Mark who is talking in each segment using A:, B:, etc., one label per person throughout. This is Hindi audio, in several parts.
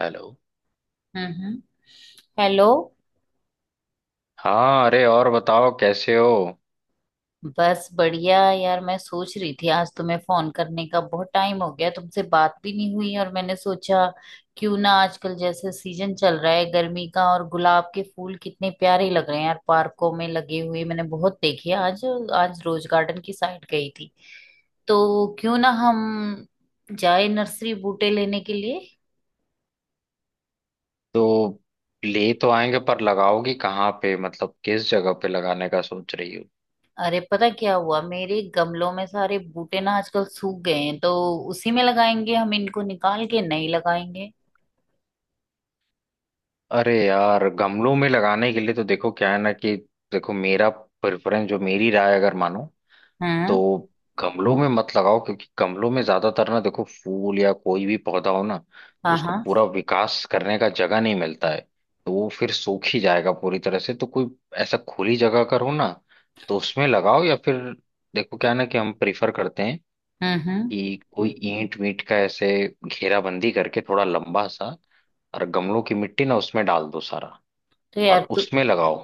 A: हेलो।
B: हम्म। हेलो।
A: हाँ, अरे और बताओ कैसे हो।
B: बस बढ़िया यार, मैं सोच रही थी आज तुम्हें फोन करने का बहुत टाइम हो गया, तुमसे बात भी नहीं हुई और मैंने सोचा क्यों ना। आजकल जैसे सीजन चल रहा है गर्मी का और गुलाब के फूल कितने प्यारे लग रहे हैं यार, पार्कों में लगे हुए मैंने बहुत देखे आज। आज रोज गार्डन की साइड गई थी, तो क्यों ना हम जाए नर्सरी बूटे लेने के लिए।
A: तो ले तो आएंगे पर लगाओगी कहाँ पे, मतलब किस जगह पे लगाने का सोच रही हो।
B: अरे पता क्या हुआ, मेरे गमलों में सारे बूटे ना आजकल सूख गए हैं, तो उसी में लगाएंगे हम, इनको निकाल के नहीं लगाएंगे।
A: अरे यार गमलों में लगाने के लिए तो देखो क्या है ना कि देखो, मेरा प्रेफरेंस जो मेरी राय अगर मानो तो
B: हम्म।
A: गमलों में मत लगाओ, क्योंकि गमलों में ज्यादातर ना देखो फूल या कोई भी पौधा हो ना
B: हाँ
A: उसको
B: हाँ।
A: पूरा विकास करने का जगह नहीं मिलता है। तो वो फिर सूख ही जाएगा पूरी तरह से। तो कोई ऐसा खुली जगह करो ना तो उसमें लगाओ, या फिर देखो क्या है ना कि हम प्रिफर करते हैं
B: हम्म।
A: कि कोई ईंट वीट का ऐसे घेराबंदी करके थोड़ा लंबा सा, और गमलों की मिट्टी ना उसमें डाल दो सारा
B: तो
A: और
B: यार तू।
A: उसमें लगाओ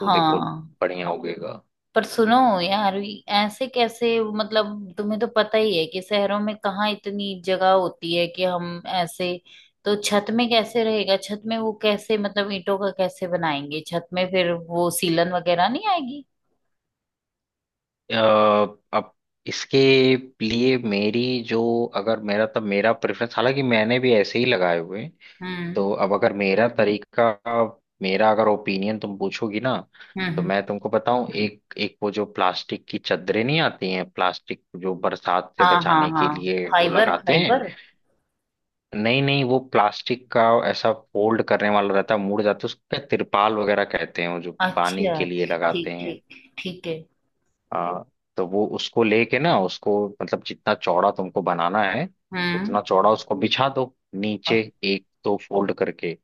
A: तो देखो बढ़िया उगेगा।
B: पर सुनो यार, ये ऐसे कैसे, मतलब तुम्हें तो पता ही है कि शहरों में कहाँ इतनी जगह होती है कि हम ऐसे। तो छत में कैसे रहेगा, छत में वो कैसे, मतलब ईंटों का कैसे बनाएंगे छत में, फिर वो सीलन वगैरह नहीं आएगी?
A: अ, अब इसके लिए मेरी जो अगर मेरा तब मेरा प्रेफरेंस, हालांकि मैंने भी ऐसे ही लगाए हुए हैं।
B: हम्म
A: तो अब अगर मेरा तरीका मेरा अगर ओपिनियन तुम पूछोगी ना
B: हम्म
A: तो
B: हम्म।
A: मैं तुमको बताऊं। एक एक वो जो प्लास्टिक की चादरें नहीं आती हैं, प्लास्टिक जो बरसात से
B: हाँ हाँ
A: बचाने के
B: हाँ।
A: लिए वो
B: फाइबर
A: लगाते हैं।
B: फाइबर।
A: नहीं नहीं, वो प्लास्टिक का ऐसा फोल्ड करने वाला रहता है, मुड़ जाता है, उसका तिरपाल वगैरह कहते हैं, वो जो पानी
B: अच्छा
A: के लिए
B: ठीक
A: लगाते
B: ठीक
A: हैं।
B: ठीक। ठीक है।
A: हाँ, तो वो उसको लेके ना उसको, मतलब जितना चौड़ा तुमको बनाना है
B: हम्म।
A: उतना चौड़ा उसको बिछा दो नीचे
B: अ-
A: एक दो फोल्ड करके।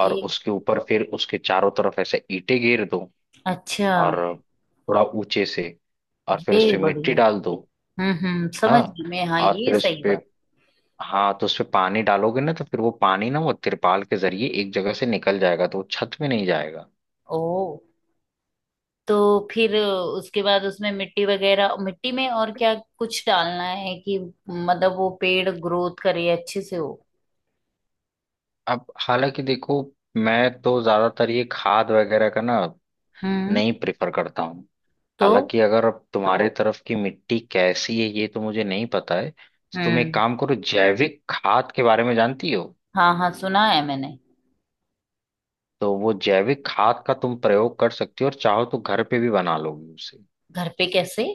A: और उसके ऊपर फिर उसके चारों तरफ ऐसे ईंटें घेर दो,
B: अच्छा।
A: और थोड़ा ऊंचे से। और फिर उस
B: ये
A: पे मिट्टी
B: बढ़िया।
A: डाल दो।
B: हम्म, समझ
A: हाँ,
B: गई मैं, हाँ
A: और
B: ये
A: फिर उस
B: सही
A: पे,
B: बात।
A: हाँ तो उस पे पानी डालोगे ना तो फिर वो पानी ना वो तिरपाल के जरिए एक जगह से निकल जाएगा, तो वो छत में नहीं जाएगा।
B: ओ, तो फिर उसके बाद उसमें मिट्टी वगैरह, मिट्टी में और क्या कुछ डालना है कि मतलब वो पेड़ ग्रोथ करे अच्छे से हो।
A: अब हालांकि देखो, मैं तो ज्यादातर ये खाद वगैरह का ना
B: हम्म।
A: नहीं प्रेफर करता हूँ।
B: तो।
A: हालांकि अगर अब तुम्हारे तरफ की मिट्टी कैसी है ये तो मुझे नहीं पता है, तो तुम एक
B: हम्म।
A: काम करो, जैविक खाद के बारे में जानती हो।
B: हाँ हाँ सुना है मैंने।
A: तो वो जैविक खाद का तुम प्रयोग कर सकती हो, और चाहो तो घर पे भी बना लोगी उसे।
B: घर पे कैसे?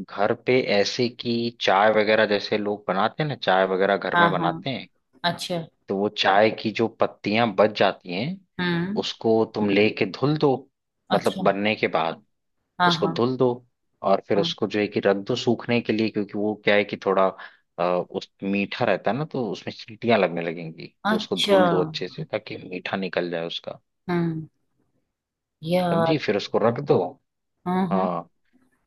A: घर पे ऐसे कि चाय वगैरह जैसे लोग बनाते हैं ना, चाय वगैरह घर
B: हाँ
A: में
B: हाँ।
A: बनाते हैं।
B: अच्छा।
A: तो वो चाय की जो पत्तियां बच जाती हैं
B: हम्म।
A: उसको तुम लेके धुल दो, मतलब
B: अच्छा।
A: बनने के बाद
B: हाँ
A: उसको
B: हाँ
A: धुल दो। और फिर
B: हाँ।
A: उसको जो है कि रख दो सूखने के लिए, क्योंकि वो क्या है कि थोड़ा उस मीठा रहता है ना तो उसमें चींटियां लगने लगेंगी, तो उसको
B: अच्छा।
A: धुल दो अच्छे से, ताकि मीठा निकल जाए उसका।
B: हम्म। यार।
A: समझी? फिर उसको रख दो।
B: हाँ हाँ
A: हाँ,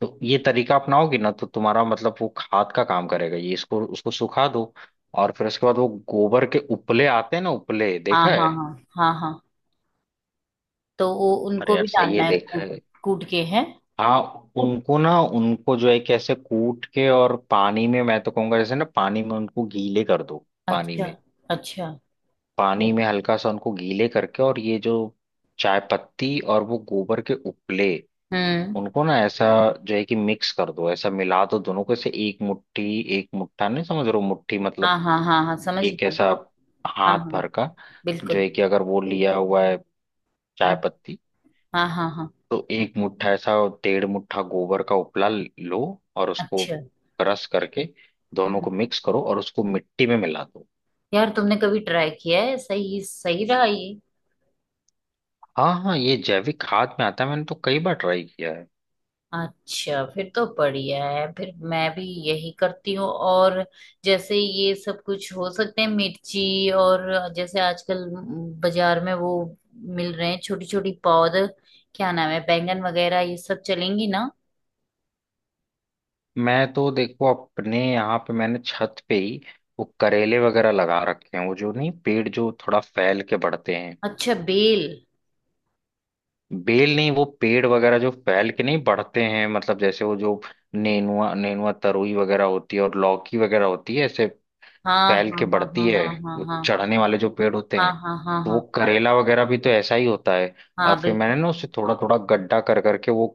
A: तो ये तरीका अपनाओगी ना तो तुम्हारा मतलब वो खाद का काम करेगा ये, इसको उसको सुखा दो। और फिर उसके बाद वो गोबर के उपले आते हैं ना, उपले
B: हाँ
A: देखा है।
B: हाँ हाँ हाँ हाँ। तो वो
A: अरे
B: उनको
A: यार
B: भी
A: सही है
B: डालना है
A: देखा
B: कूट?
A: है।
B: कूट के है?
A: हाँ, उनको ना उनको जो है कि ऐसे कूट के और पानी में, मैं तो कहूंगा जैसे ना पानी में उनको गीले कर दो, पानी
B: अच्छा।
A: में,
B: अच्छा।
A: पानी में हल्का सा उनको गीले करके। और ये जो चाय पत्ती और वो गोबर के उपले,
B: हम्म।
A: उनको ना ऐसा जो है कि मिक्स कर दो, ऐसा मिला दो दोनों को ऐसे एक मुट्ठी, एक मुट्ठा नहीं, समझ रहे हो मुट्ठी मतलब
B: हाँ हाँ हाँ हाँ समझ
A: एक
B: गई।
A: ऐसा
B: हाँ
A: हाथ
B: हाँ
A: भर का, जो
B: बिल्कुल।
A: है कि अगर वो लिया हुआ है
B: हाँ
A: चाय पत्ती
B: हाँ हाँ हाँ।
A: तो एक मुट्ठा ऐसा, डेढ़ मुट्ठा गोबर का उपला लो। और उसको
B: अच्छा।
A: क्रश करके दोनों
B: हम्म।
A: को मिक्स करो और उसको मिट्टी में मिला दो।
B: यार तुमने कभी ट्राई किया है, सही सही रहा ये?
A: हाँ हाँ, ये जैविक खाद में आता है, मैंने तो कई बार ट्राई किया है।
B: अच्छा फिर तो बढ़िया है, फिर मैं भी यही करती हूँ। और जैसे ये सब कुछ हो सकते हैं, मिर्ची और जैसे आजकल बाजार में वो मिल रहे हैं, छोटी छोटी पौध, क्या नाम है बैंगन वगैरह, ये सब चलेंगी ना?
A: मैं तो देखो अपने यहाँ पे मैंने छत पे ही वो करेले वगैरह लगा रखे हैं, वो जो नहीं पेड़ जो थोड़ा फैल के बढ़ते हैं।
B: अच्छा बेल।
A: बेल नहीं, वो पेड़ वगैरह जो फैल के नहीं बढ़ते हैं, मतलब जैसे वो जो नेनुआ, नेनुआ तरुई वगैरह होती है, और लौकी वगैरह होती है, ऐसे
B: हाँ
A: फैल
B: हाँ
A: के
B: हाँ
A: बढ़ती है।
B: हाँ हाँ
A: वो
B: हाँ
A: चढ़ने वाले जो पेड़ होते
B: हाँ
A: हैं,
B: हाँ हाँ हाँ
A: तो वो
B: हाँ
A: करेला वगैरह भी तो ऐसा ही होता है। और
B: हाँ।
A: फिर मैंने
B: बिल्कुल।
A: ना उसे थोड़ा थोड़ा गड्ढा कर करके वो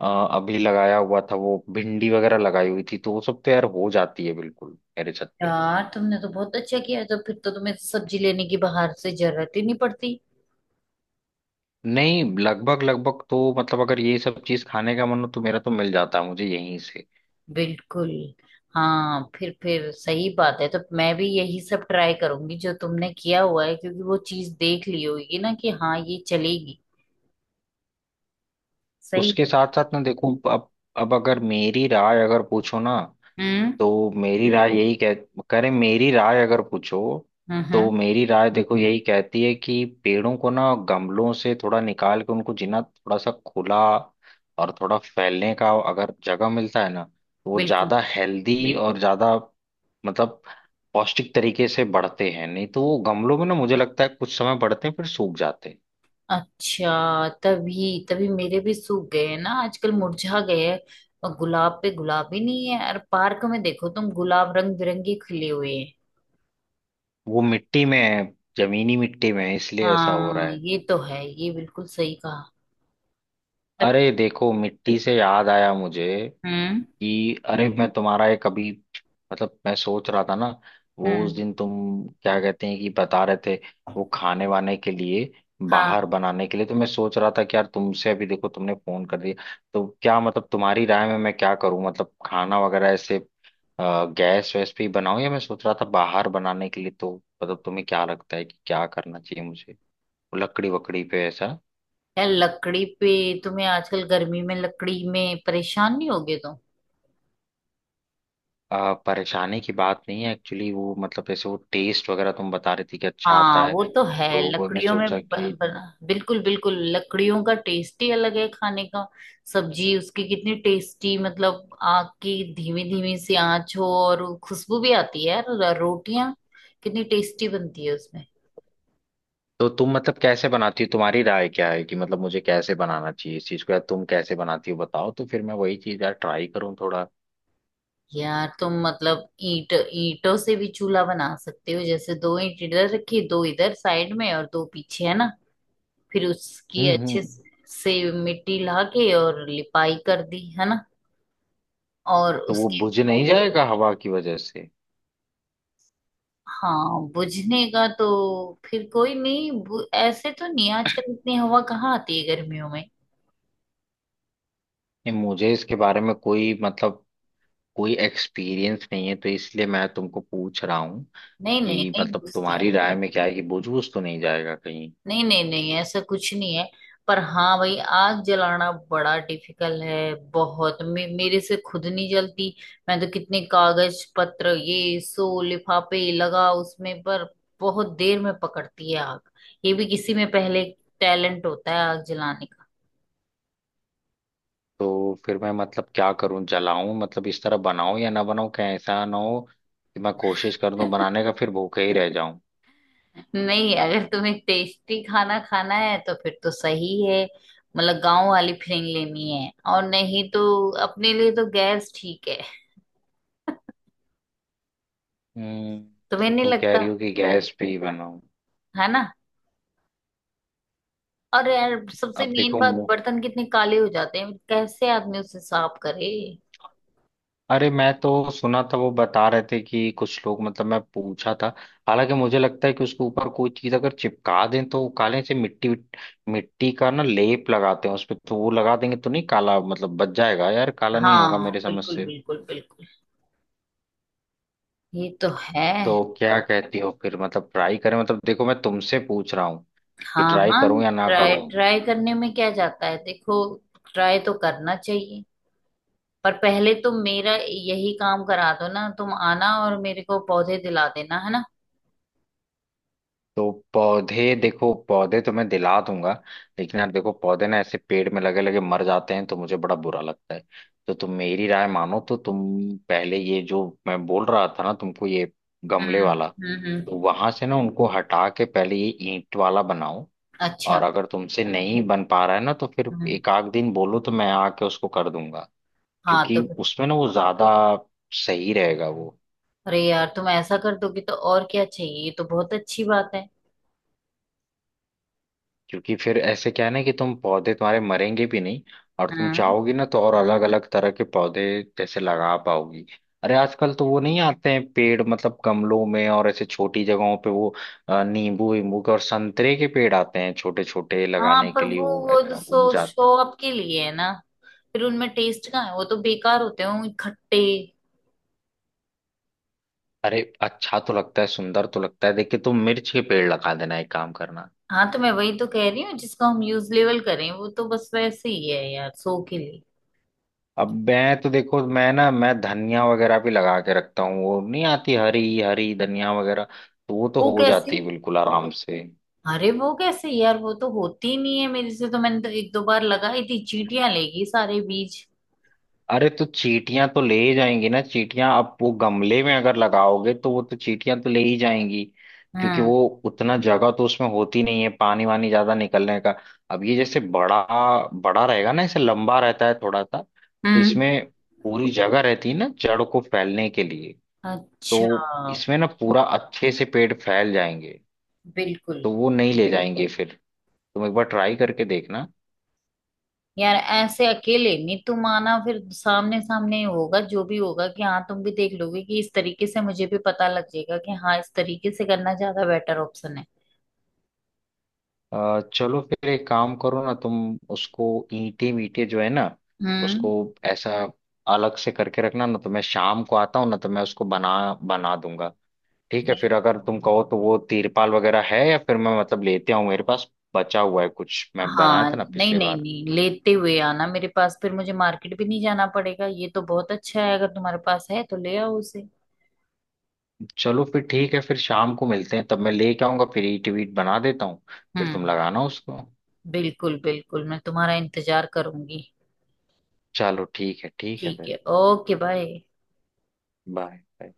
A: अ, अभी लगाया हुआ था, वो भिंडी वगैरह लगाई हुई थी, तो वो सब तो यार हो जाती है बिल्कुल मेरे छत पे।
B: यार तुमने तो बहुत अच्छा किया है, तो फिर तो तुम्हें सब्जी लेने की बाहर से जरूरत ही नहीं पड़ती।
A: नहीं, लगभग लगभग तो, मतलब अगर ये सब चीज खाने का मन हो तो मेरा तो मिल जाता है मुझे यहीं से।
B: बिल्कुल। हाँ, फिर सही बात है। तो मैं भी यही सब ट्राई करूंगी जो तुमने किया हुआ है, क्योंकि वो चीज देख ली होगी ना कि हाँ ये चलेगी। सही
A: उसके
B: है।
A: साथ साथ ना देखो अब अगर मेरी राय अगर पूछो ना
B: हम्म
A: तो मेरी राय बिल्कुल यही कह कह रहे, मेरी राय अगर पूछो तो
B: हम्म।
A: मेरी राय देखो यही कहती है कि पेड़ों को ना गमलों से थोड़ा निकाल के उनको जिना थोड़ा सा खुला और थोड़ा फैलने का अगर जगह मिलता है ना तो वो
B: बिल्कुल।
A: ज्यादा हेल्दी और ज्यादा, मतलब पौष्टिक तरीके से बढ़ते हैं। नहीं तो वो गमलों में ना मुझे लगता है कुछ समय बढ़ते हैं फिर सूख जाते हैं।
B: अच्छा, तभी तभी मेरे भी सूख गए हैं ना आजकल, मुरझा गए हैं। और गुलाब पे गुलाब ही नहीं है, और पार्क में देखो तुम गुलाब रंग बिरंगे खिले हुए हैं।
A: वो मिट्टी में है, जमीनी मिट्टी में है, इसलिए ऐसा हो रहा
B: हाँ
A: है।
B: ये तो है, ये बिल्कुल सही कहा। तब-
A: अरे देखो मिट्टी से याद आया मुझे
B: हम्म
A: कि अरे मैं तुम्हारा एक अभी, मतलब मैं सोच रहा था ना वो उस
B: हम्म।
A: दिन तुम क्या कहते हैं कि बता रहे थे वो खाने वाने के लिए बाहर
B: हाँ,
A: बनाने के लिए। तो मैं सोच रहा था कि यार तुमसे अभी, देखो तुमने फोन कर दिया। तो क्या मतलब तुम्हारी राय में मैं क्या करूं, मतलब खाना वगैरह ऐसे गैस वैस पे ही बनाऊं, या मैं सोच रहा था बाहर बनाने के लिए तो, मतलब तुम्हें क्या लगता है कि क्या करना चाहिए मुझे, लकड़ी वकड़ी पे ऐसा।
B: यार लकड़ी पे? तुम्हें आजकल गर्मी में लकड़ी में परेशान नहीं होगे तो?
A: परेशानी की बात नहीं है, एक्चुअली वो मतलब जैसे वो टेस्ट वगैरह तुम बता रही थी कि अच्छा आता
B: हाँ
A: है।
B: वो तो है,
A: तो मैंने
B: लकड़ियों में
A: सोचा कि,
B: बना, बिल्कुल बिल्कुल लकड़ियों का टेस्ट ही अलग है खाने का। सब्जी उसकी कितनी टेस्टी, मतलब आग की धीमी धीमी सी आंच हो और खुशबू भी आती है यार, रोटियां कितनी टेस्टी बनती है उसमें।
A: तो तुम मतलब कैसे बनाती हो, तुम्हारी राय क्या है कि मतलब मुझे कैसे बनाना चाहिए इस चीज को, या तुम कैसे बनाती हो बताओ, तो फिर मैं वही चीज यार ट्राई करूं थोड़ा।
B: यार तुम मतलब ईंट ईंटों से भी चूल्हा बना सकते हो, जैसे दो ईंट इधर रखी, दो इधर साइड में और दो पीछे, है ना? फिर उसकी अच्छे
A: हम्म,
B: से मिट्टी ला के और लिपाई कर दी, है ना? और
A: तो वो
B: उसके।
A: बुझ नहीं जाएगा हवा की वजह से?
B: हाँ बुझने का तो। फिर कोई नहीं, ऐसे तो नहीं, आजकल इतनी हवा कहाँ आती है गर्मियों में।
A: नहीं, मुझे इसके बारे में कोई मतलब कोई एक्सपीरियंस नहीं है, तो इसलिए मैं तुमको पूछ रहा हूँ
B: नहीं नहीं
A: कि
B: नहीं
A: मतलब
B: बुझती।
A: तुम्हारी राय में क्या है कि बुझ बुझ तो नहीं जाएगा कहीं।
B: नहीं नहीं नहीं, ऐसा कुछ नहीं है। पर हाँ भाई, आग जलाना बड़ा डिफिकल्ट है, बहुत मेरे से खुद नहीं जलती। मैं तो कितने कागज पत्र ये सो लिफाफे लगा उसमें, पर बहुत देर में पकड़ती है आग। ये भी किसी में पहले टैलेंट होता है आग जलाने का।
A: तो फिर मैं मतलब क्या करूं, जलाऊं, मतलब इस तरह बनाऊं या ना बनाऊं, क्या ऐसा ना हो कि मैं कोशिश कर दूं बनाने का फिर भूखे ही रह जाऊं।
B: नहीं, अगर तुम्हें टेस्टी खाना खाना है तो फिर तो सही है, मतलब गांव वाली फीलिंग लेनी है। और नहीं तो अपने लिए तो गैस ठीक है। तुम्हें
A: मतलब
B: नहीं
A: तुम कह
B: लगता,
A: रही हो कि गैस पे ही बनाओ।
B: है ना? और यार सबसे
A: अब
B: मेन
A: देखो
B: बात, बर्तन कितने काले हो जाते हैं, कैसे आदमी उसे साफ करे।
A: अरे मैं तो सुना था वो बता रहे थे कि कुछ लोग, मतलब मैं पूछा था, हालांकि मुझे लगता है कि उसके ऊपर कोई चीज अगर चिपका दें तो वो काले से मिट्टी मिट्टी का ना लेप लगाते हैं उस पे तो वो लगा देंगे तो नहीं काला, मतलब बच जाएगा यार, काला नहीं होगा
B: हाँ
A: मेरे समझ
B: बिल्कुल
A: से।
B: बिल्कुल बिल्कुल, ये तो है।
A: तो क्या कहती हो फिर, मतलब ट्राई करें, मतलब देखो मैं तुमसे पूछ रहा हूँ कि
B: हाँ
A: ट्राई
B: हाँ।
A: करूं या ना
B: ट्राई
A: करूं।
B: ट्राई करने में क्या जाता है, देखो ट्राई तो करना चाहिए। पर पहले तुम मेरा यही काम करा दो ना, तुम आना और मेरे को पौधे दिला देना, है ना?
A: तो पौधे देखो, पौधे तो मैं दिला दूंगा, लेकिन यार देखो पौधे ना ऐसे पेड़ में लगे लगे मर जाते हैं तो मुझे बड़ा बुरा लगता है। तो तुम मेरी राय मानो तो तुम पहले ये जो मैं बोल रहा था ना तुमको, ये गमले
B: हम्म
A: वाला
B: हम्म।
A: तो वहां से ना उनको हटा के पहले ये ईंट वाला बनाओ। और
B: अच्छा।
A: अगर तुमसे नहीं बन पा रहा है ना तो फिर
B: हम्म।
A: एक आध दिन बोलो तो मैं आके उसको कर दूंगा,
B: हाँ तो
A: क्योंकि
B: फिर।
A: उसमें ना वो ज्यादा सही रहेगा वो।
B: अरे यार तुम ऐसा कर दोगे तो और क्या चाहिए, ये तो बहुत अच्छी बात है।
A: क्योंकि फिर ऐसे क्या है ना कि तुम पौधे तुम्हारे मरेंगे भी नहीं, और तुम
B: हाँ
A: चाहोगी ना तो और अलग अलग तरह के पौधे जैसे लगा पाओगी। अरे आजकल तो वो नहीं आते हैं पेड़, मतलब गमलों में और ऐसे छोटी जगहों पे वो नींबू वींबू के और संतरे के पेड़ आते हैं, छोटे छोटे
B: हाँ।
A: लगाने के
B: पर
A: लिए
B: वो
A: वो
B: वो
A: ऐसा उग
B: सो
A: जाते
B: शो
A: हैं।
B: अप के लिए है ना, फिर उनमें टेस्ट कहाँ है, वो तो बेकार होते हैं खट्टे।
A: अरे अच्छा तो लगता है, सुंदर तो लगता है, देखिए तुम मिर्च के पेड़ लगा देना, एक काम करना।
B: हाँ तो मैं वही तो कह रही हूँ, जिसका हम यूज लेवल करें, वो तो बस वैसे ही है यार सो के लिए।
A: अब मैं तो देखो मैं ना मैं धनिया वगैरह भी लगा के रखता हूँ, वो नहीं आती हरी हरी धनिया वगैरह, तो वो तो
B: वो
A: हो जाती
B: कैसे?
A: है बिल्कुल आराम से।
B: अरे वो कैसे यार, वो तो होती ही नहीं है मेरे से। तो मैंने तो एक दो बार लगाई थी, चींटियां लेगी सारे बीज।
A: अरे तो चींटियां तो ले ही जाएंगी ना, चींटियां अब वो गमले में अगर लगाओगे तो वो तो चींटियां तो ले ही जाएंगी, क्योंकि
B: हम्म
A: वो उतना जगह तो उसमें होती नहीं है पानी वानी ज्यादा निकलने का। अब ये जैसे बड़ा बड़ा रहेगा ना, ऐसे लंबा रहता है थोड़ा सा, तो
B: हम्म।
A: इसमें पूरी जगह रहती है ना जड़ को फैलने के लिए।
B: अच्छा।
A: तो इसमें ना पूरा अच्छे से पेड़ फैल जाएंगे,
B: बिल्कुल।
A: तो वो नहीं ले जाएंगे फिर। तुम एक बार ट्राई करके देखना।
B: यार ऐसे अकेले नहीं, तुम आना फिर सामने सामने ही होगा, जो भी होगा कि हाँ तुम भी देख लोगे कि इस तरीके से, मुझे भी पता लग जाएगा कि हाँ इस तरीके से करना ज्यादा बेटर ऑप्शन है।
A: चलो फिर एक काम करो ना तुम, उसको ईंटे मीटे जो है ना उसको
B: हम्म।
A: ऐसा अलग से करके रखना ना, तो मैं शाम को आता हूँ ना तो मैं उसको बना बना दूंगा। ठीक है
B: बिल-
A: फिर, अगर तुम कहो तो वो तिरपाल वगैरह है, या फिर मैं मतलब लेते आऊँ, मेरे पास बचा हुआ है कुछ, मैं बनाया
B: हाँ,
A: था ना
B: नहीं
A: पिछले
B: नहीं
A: बार।
B: नहीं, लेते हुए आना मेरे पास, फिर मुझे मार्केट भी नहीं जाना पड़ेगा, ये तो बहुत अच्छा है, अगर तुम्हारे पास है तो ले आओ उसे।
A: चलो फिर ठीक है, फिर शाम को मिलते हैं तब मैं लेके आऊंगा, फिर ईंट वीट बना देता हूँ। फिर तुम
B: हम्म।
A: लगाना उसको।
B: बिल्कुल बिल्कुल, मैं तुम्हारा इंतजार करूंगी।
A: चलो ठीक है
B: ठीक
A: फिर।
B: है, ओके, बाय।
A: बाय।